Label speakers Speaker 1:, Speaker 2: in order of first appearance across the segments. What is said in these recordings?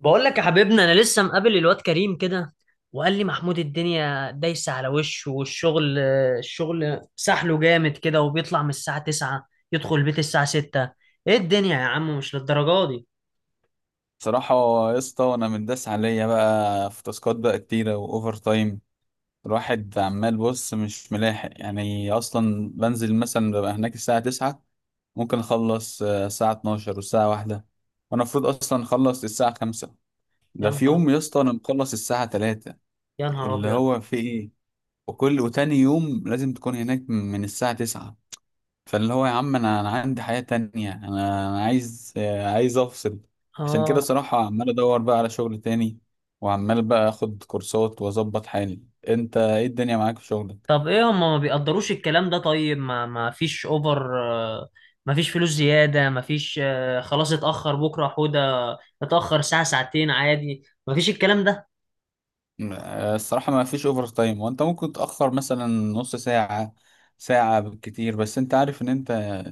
Speaker 1: بقول لك يا حبيبنا، انا لسه مقابل الواد كريم كده. وقال لي محمود الدنيا دايسه على وشه، والشغل سحله جامد كده، وبيطلع من الساعه 9 يدخل البيت الساعه 6. ايه الدنيا يا عم؟ مش للدرجه دي.
Speaker 2: صراحة يا اسطى، أنا متداس عليا بقى في تاسكات بقى كتيرة وأوفر تايم. الواحد عمال بص مش ملاحق، يعني أصلا بنزل مثلا ببقى هناك الساعة تسعة، ممكن أخلص الساعة اتناشر والساعة واحدة، وأنا المفروض أصلا أخلص الساعة خمسة.
Speaker 1: يا
Speaker 2: ده في
Speaker 1: نهار
Speaker 2: يوم يا اسطى أنا مخلص الساعة تلاتة،
Speaker 1: يا نهار
Speaker 2: اللي
Speaker 1: ابيض.
Speaker 2: هو في إيه. وكل وتاني يوم لازم تكون هناك من الساعة تسعة. فاللي هو يا عم، انا عندي حياة تانية، انا أنا عايز عايز افصل. عشان كده
Speaker 1: اه.
Speaker 2: صراحة عمال ادور بقى على شغل تاني، وعمال بقى اخد كورسات واظبط حالي. انت ايه الدنيا معاك في شغلك؟
Speaker 1: طب ايه هم ما بيقدروش الكلام ده؟ طيب ما فيش اوفر، ما فيش فلوس زياده، ما فيش، خلاص اتاخر بكره حوده، اتاخر ساعه ساعتين عادي، ما فيش الكلام ده.
Speaker 2: الصراحة ما فيش اوفر تايم، وانت ممكن تأخر مثلا نص ساعة ساعة بالكتير، بس انت عارف ان انت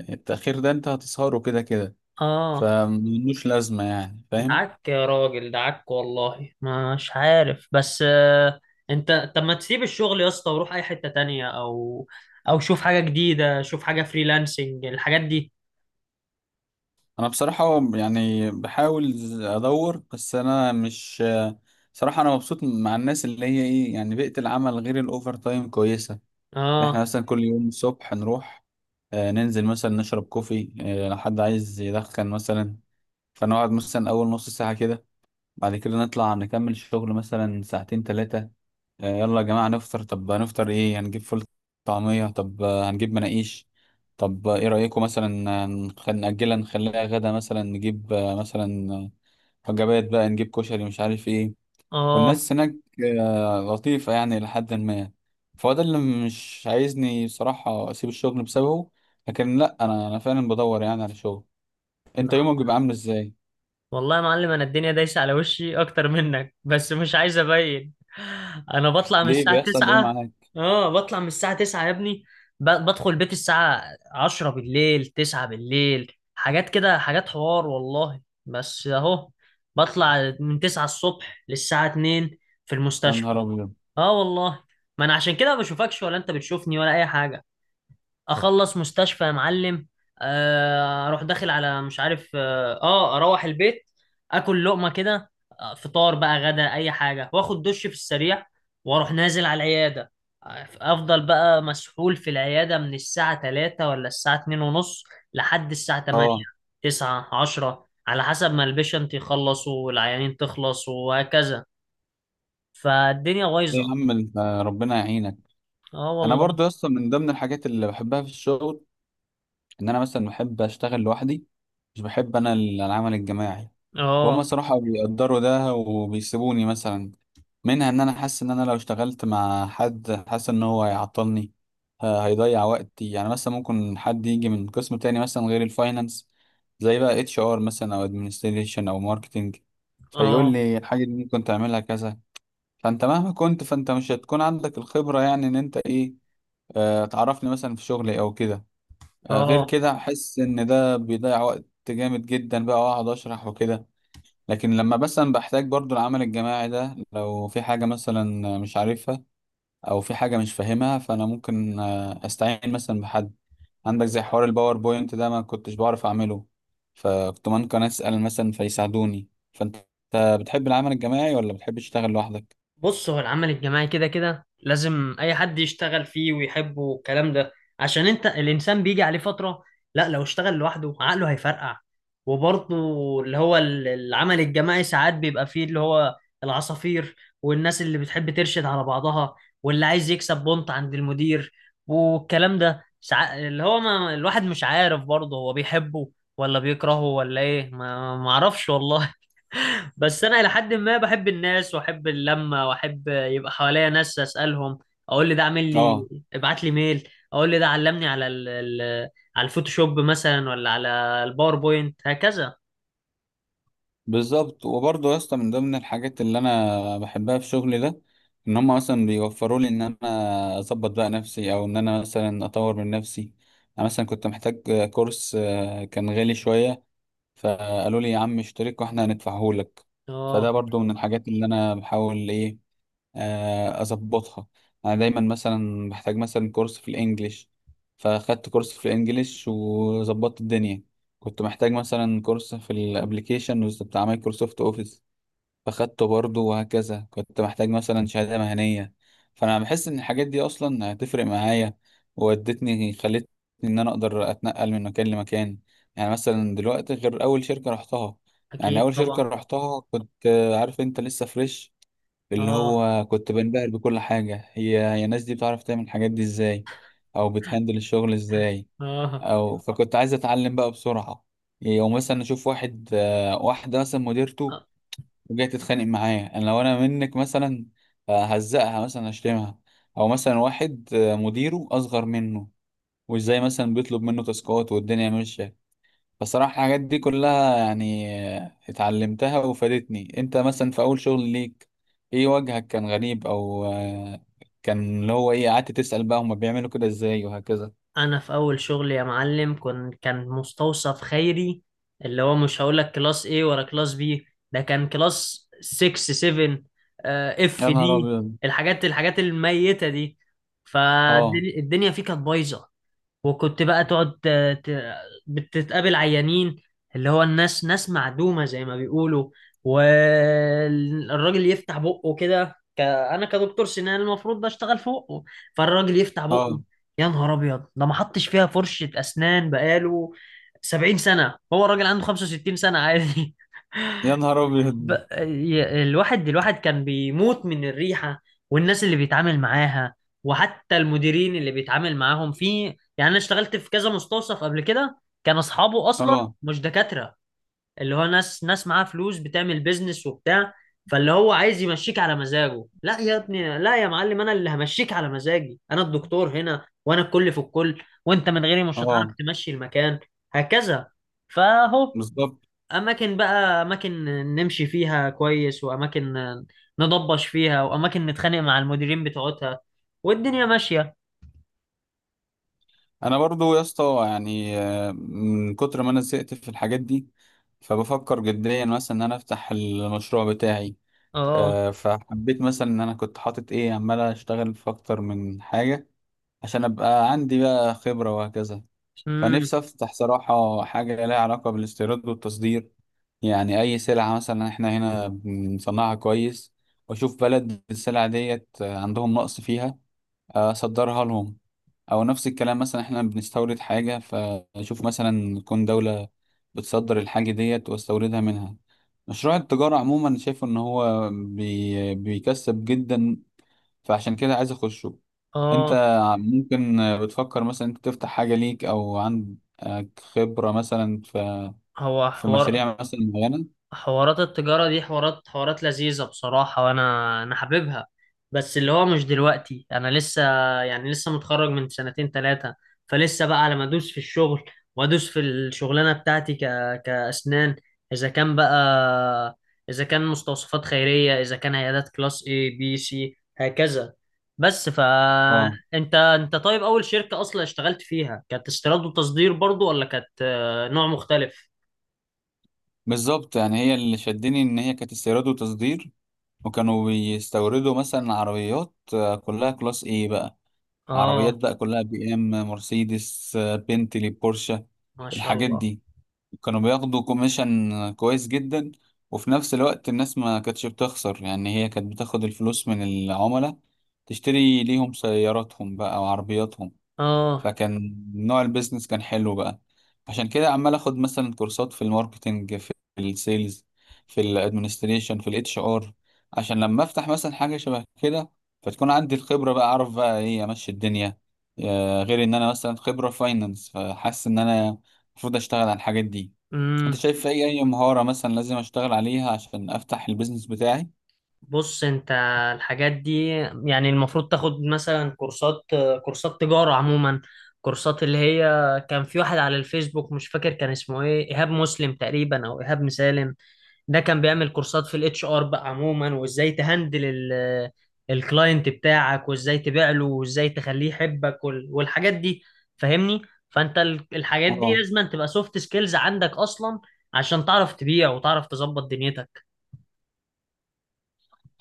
Speaker 2: التأخير ده انت هتسهره كده كده،
Speaker 1: اه.
Speaker 2: فملوش لازمة، يعني فاهم.
Speaker 1: دعك يا راجل، دعك والله مش عارف بس، انت طب ما تسيب الشغل يا اسطى وروح اي حتة تانية، او شوف حاجة جديدة، شوف حاجة فريلانسنج الحاجات دي.
Speaker 2: انا بصراحة يعني بحاول ادور، بس انا مش، صراحة انا مبسوط مع الناس اللي هي ايه، يعني بيئة العمل غير الاوفر تايم كويسة. اللي احنا
Speaker 1: اه.
Speaker 2: مثلا كل يوم الصبح نروح، ننزل مثلا نشرب كوفي، لو حد عايز يدخن مثلا، فنقعد مثلا اول نص ساعة كده، بعد كده نطلع نكمل شغل مثلا ساعتين تلاتة. يلا يا جماعة نفطر، طب هنفطر ايه؟ هنجيب فول طعمية؟ طب هنجيب مناقيش؟ طب ايه رأيكم مثلا نأجلها نخليها غدا، مثلا نجيب مثلا وجبات بقى، نجيب كشري مش عارف ايه.
Speaker 1: اه.
Speaker 2: والناس هناك لطيفة يعني لحد ما. فهو ده اللي مش عايزني صراحة أسيب الشغل بسببه، لكن لأ، أنا فعلا بدور يعني على شغل. أنت
Speaker 1: لا.
Speaker 2: يومك بيبقى عامل إزاي؟
Speaker 1: والله يا معلم، انا الدنيا دايسه على وشي اكتر منك، بس مش عايز ابين. انا بطلع من
Speaker 2: ليه
Speaker 1: الساعه
Speaker 2: بيحصل إيه
Speaker 1: 9.
Speaker 2: معاك؟
Speaker 1: اه، بطلع من الساعه 9 يا ابني، بدخل البيت الساعه 10 بالليل، 9 بالليل، حاجات كده، حاجات حوار والله، بس اهو. بطلع من 9 الصبح للساعه 2 في
Speaker 2: يا
Speaker 1: المستشفى.
Speaker 2: نهار أبيض.
Speaker 1: اه والله. ما انا عشان كده ما بشوفكش، ولا انت بتشوفني، ولا اي حاجه. اخلص مستشفى يا معلم، اروح داخل على مش عارف اه، اروح البيت، اكل لقمه كده، فطار بقى غدا اي حاجه، واخد دش في السريع، واروح نازل على العياده. افضل بقى مسحول في العياده من الساعه 3 ولا الساعه 2 ونص لحد الساعه 8،
Speaker 2: اه،
Speaker 1: 9، 10، على حسب ما البيشنت يخلص والعيانين تخلص وهكذا. فالدنيا
Speaker 2: ايه يا
Speaker 1: بايظه.
Speaker 2: عم انت، ربنا يعينك.
Speaker 1: اه
Speaker 2: انا
Speaker 1: والله.
Speaker 2: برضو يا اسطى من ضمن الحاجات اللي بحبها في الشغل، ان انا مثلا بحب اشتغل لوحدي، مش بحب انا العمل الجماعي. وهم
Speaker 1: اه.
Speaker 2: صراحة بيقدروا ده وبيسيبوني مثلا، منها ان انا حاسس ان انا لو اشتغلت مع حد حاسس ان هو هيعطلني، هيضيع وقتي، يعني مثلا ممكن حد يجي من قسم تاني مثلا غير الفاينانس، زي بقى اتش ار مثلا او ادمنستريشن او ماركتنج، فيقول
Speaker 1: اه.
Speaker 2: لي الحاجة دي ممكن تعملها كذا. فانت مهما كنت، فانت مش هتكون عندك الخبرة، يعني ان انت ايه، آه تعرفني مثلا في شغلي او كده، آه غير
Speaker 1: اه.
Speaker 2: كده احس ان ده بيضيع وقت جامد جدا بقى، واقعد اشرح وكده. لكن لما مثلا بحتاج برضو العمل الجماعي ده، لو في حاجة مثلا مش عارفها او في حاجة مش فاهمها، فانا ممكن استعين مثلا بحد عندك، زي حوار الباوربوينت ده ما كنتش بعرف اعمله، فكنت ممكن اسأل مثلا فيساعدوني. فانت بتحب العمل الجماعي ولا بتحب تشتغل لوحدك؟
Speaker 1: بص، هو العمل الجماعي كده كده لازم اي حد يشتغل فيه ويحبه والكلام ده. عشان انت الانسان بيجي عليه فترة، لا، لو اشتغل لوحده عقله هيفرقع. وبرضه اللي هو العمل الجماعي ساعات بيبقى فيه اللي هو العصافير، والناس اللي بتحب ترشد على بعضها، واللي عايز يكسب بونت عند المدير، والكلام ده ساعات، اللي هو ما الواحد مش عارف برضه هو بيحبه ولا بيكرهه ولا ايه، ما اعرفش والله. بس انا الى حد ما بحب الناس، واحب اللمه، واحب يبقى حواليا ناس اسالهم، اقول لي ده عامل لي،
Speaker 2: اه،
Speaker 1: ابعت لي ميل، اقول لي ده علمني على ال... على الفوتوشوب مثلا، ولا على الباوربوينت هكذا.
Speaker 2: بالظبط. وبرضه يا اسطى من ضمن الحاجات اللي انا بحبها في شغلي ده، ان هم مثلا بيوفروا لي ان انا اظبط بقى نفسي، او ان انا مثلا اطور من نفسي. انا مثلا كنت محتاج كورس كان غالي شويه، فقالوا لي يا عم اشترك واحنا هندفعه لك. فده
Speaker 1: اه
Speaker 2: برضه من الحاجات اللي انا بحاول ايه، اظبطها. انا دايما مثلا بحتاج مثلا كورس في الانجليش، فاخدت كورس في الانجليش وظبطت الدنيا. كنت محتاج مثلا كورس في الابليكيشن بتاع مايكروسوفت اوفيس فاخدته برضه، وهكذا كنت محتاج مثلا شهادة مهنية. فانا بحس ان الحاجات دي اصلا هتفرق معايا، وودتني خلتني ان انا اقدر اتنقل من مكان لمكان. يعني مثلا دلوقتي غير اول شركة رحتها، يعني
Speaker 1: اكيد
Speaker 2: اول شركة
Speaker 1: طبعا.
Speaker 2: رحتها كنت عارف انت لسه فريش، اللي
Speaker 1: اه.
Speaker 2: هو كنت بنبهر بكل حاجة، هي الناس دي بتعرف تعمل الحاجات دي ازاي، او بتهندل الشغل ازاي،
Speaker 1: اه.
Speaker 2: او فكنت عايز اتعلم بقى بسرعة. يعني او مثلا اشوف واحد واحدة مثلا مديرته وجاية تتخانق معايا، انا لو انا منك مثلا هزقها مثلا اشتمها، او مثلا واحد مديره اصغر منه، وازاي مثلا بيطلب منه تاسكات والدنيا ماشية. بصراحة الحاجات دي كلها يعني اتعلمتها وفادتني. انت مثلا في اول شغل ليك ايه وجهك كان غريب، او آه، كان اللي هو ايه، قعدت تسأل بقى هما بيعملوا كده ازاي وهكذا؟
Speaker 1: انا في اول شغل يا معلم، كان مستوصف خيري. اللي هو مش هقول لك كلاس A ولا كلاس B، ده كان كلاس 6 7 اف
Speaker 2: يا نهار
Speaker 1: دي.
Speaker 2: ابيض.
Speaker 1: الحاجات الميتة دي.
Speaker 2: اه.
Speaker 1: فالدنيا فيه كانت بايظة. وكنت بقى تقعد ت- بتتقابل عيانين اللي هو الناس ناس معدومة زي ما بيقولوا. والراجل يفتح بقه كده، انا كدكتور سنان المفروض بشتغل فوقه. فالراجل يفتح بقه،
Speaker 2: اه،
Speaker 1: يا نهار ابيض. ده ما حطش فيها فرشة اسنان بقاله 70 سنة، هو الراجل عنده 65 سنة عادي.
Speaker 2: يا نهار
Speaker 1: ب...
Speaker 2: ابيض.
Speaker 1: الواحد كان بيموت من الريحة، والناس اللي بيتعامل معاها، وحتى المديرين اللي بيتعامل معاهم في. يعني انا اشتغلت في كذا مستوصف قبل كده كان اصحابه اصلا
Speaker 2: اه.
Speaker 1: مش دكاترة، اللي هو ناس معاها فلوس بتعمل بيزنس وبتاع، فاللي هو عايز يمشيك على مزاجه. لا يا ابني، لا يا معلم، انا اللي همشيك على مزاجي. انا الدكتور هنا وانا الكل في الكل، وانت من غيري مش هتعرف
Speaker 2: اه،
Speaker 1: تمشي المكان هكذا. فهو
Speaker 2: بالظبط.
Speaker 1: اماكن بقى، اماكن نمشي فيها كويس، واماكن نضبش فيها، واماكن نتخانق مع المديرين بتوعتها، والدنيا ماشية.
Speaker 2: انا برضو يا اسطى يعني من كتر ما انا زهقت في الحاجات دي، فبفكر جديا مثلا ان انا افتح المشروع بتاعي.
Speaker 1: اه.
Speaker 2: فحبيت مثلا ان انا كنت حاطط ايه، عمال اشتغل في اكتر من حاجة عشان ابقى عندي بقى خبرة وهكذا.
Speaker 1: امم.
Speaker 2: فنفسي افتح صراحة حاجة لها علاقة بالاستيراد والتصدير. يعني اي سلعة مثلا احنا هنا بنصنعها كويس، واشوف بلد السلعة ديت عندهم نقص فيها، اصدرها لهم. او نفس الكلام، مثلا احنا بنستورد حاجة، فاشوف مثلا تكون دولة بتصدر الحاجة ديت واستوردها منها. مشروع التجارة عموما شايف ان هو بيكسب جدا، فعشان كده عايز اخشه. انت
Speaker 1: اه،
Speaker 2: ممكن بتفكر مثلا انت تفتح حاجة ليك، او عندك خبرة مثلا في
Speaker 1: هو
Speaker 2: في
Speaker 1: حوار.
Speaker 2: مشاريع مثلا معينة؟
Speaker 1: حوارات التجارة دي حوارات حوارات لذيذة بصراحة، وأنا حاببها. بس اللي هو مش دلوقتي، أنا لسه يعني لسه متخرج من سنتين تلاتة، فلسه بقى لما أدوس في الشغل، وأدوس في الشغلانة بتاعتي كأسنان. إذا كان بقى، إذا كان مستوصفات خيرية، إذا كان عيادات كلاس A B C هكذا. بس فأنت
Speaker 2: اه،
Speaker 1: أنت أنت طيب، أول شركة أصلا اشتغلت فيها كانت استيراد وتصدير برضو، ولا كانت، نوع مختلف؟
Speaker 2: بالظبط. يعني هي اللي شدني ان هي كانت استيراد وتصدير، وكانوا بيستوردوا مثلا عربيات كلها كلاس ايه بقى، عربيات
Speaker 1: آه.
Speaker 2: بقى كلها بي ام مرسيدس بنتلي بورشه،
Speaker 1: ما شاء
Speaker 2: الحاجات
Speaker 1: الله.
Speaker 2: دي. كانوا بياخدوا كوميشن كويس جدا، وفي نفس الوقت الناس ما كانتش بتخسر، يعني هي كانت بتاخد الفلوس من العملاء تشتري ليهم سياراتهم بقى وعربياتهم.
Speaker 1: اه.
Speaker 2: فكان نوع البيزنس كان حلو بقى. عشان كده عمال اخد مثلا كورسات في الماركتينج، في السيلز، في الادمنستريشن، في الاتش ار، عشان لما افتح مثلا حاجة شبه كده فتكون عندي الخبرة بقى، اعرف بقى ايه، امشي الدنيا. غير ان انا مثلا خبرة فاينانس، فحاسس ان انا المفروض اشتغل على الحاجات دي. انت
Speaker 1: امم.
Speaker 2: شايف في اي مهارة مثلا لازم اشتغل عليها عشان افتح البيزنس بتاعي؟
Speaker 1: بص انت الحاجات دي يعني المفروض تاخد مثلا كورسات، كورسات تجارة عموما، كورسات اللي هي كان في واحد على الفيسبوك مش فاكر كان اسمه ايه، ايهاب مسلم تقريبا او ايهاب مسالم. ده كان بيعمل كورسات في الاتش ار بقى عموما، وازاي تهندل الكلاينت بتاعك، وازاي تبيع له، وازاي تخليه يحبك، والحاجات دي فاهمني. فانت الحاجات دي
Speaker 2: اه،
Speaker 1: لازم تبقى سوفت سكيلز عندك اصلا، عشان تعرف تبيع وتعرف تظبط دنيتك.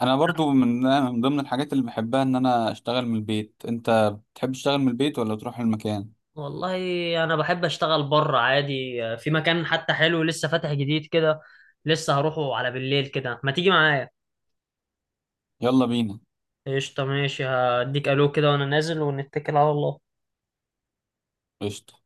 Speaker 2: انا برضو من ضمن الحاجات اللي بحبها ان انا اشتغل من البيت. انت بتحب تشتغل من البيت ولا تروح المكان؟
Speaker 1: والله انا بحب اشتغل بره عادي، في مكان حتى حلو لسه فاتح جديد كده، لسه هروحه على بالليل كده، ما تيجي معايا؟
Speaker 2: يلا بينا.
Speaker 1: قشطة ماشي، هديك الو كده وانا نازل، ونتكل على الله.
Speaker 2: قشطة.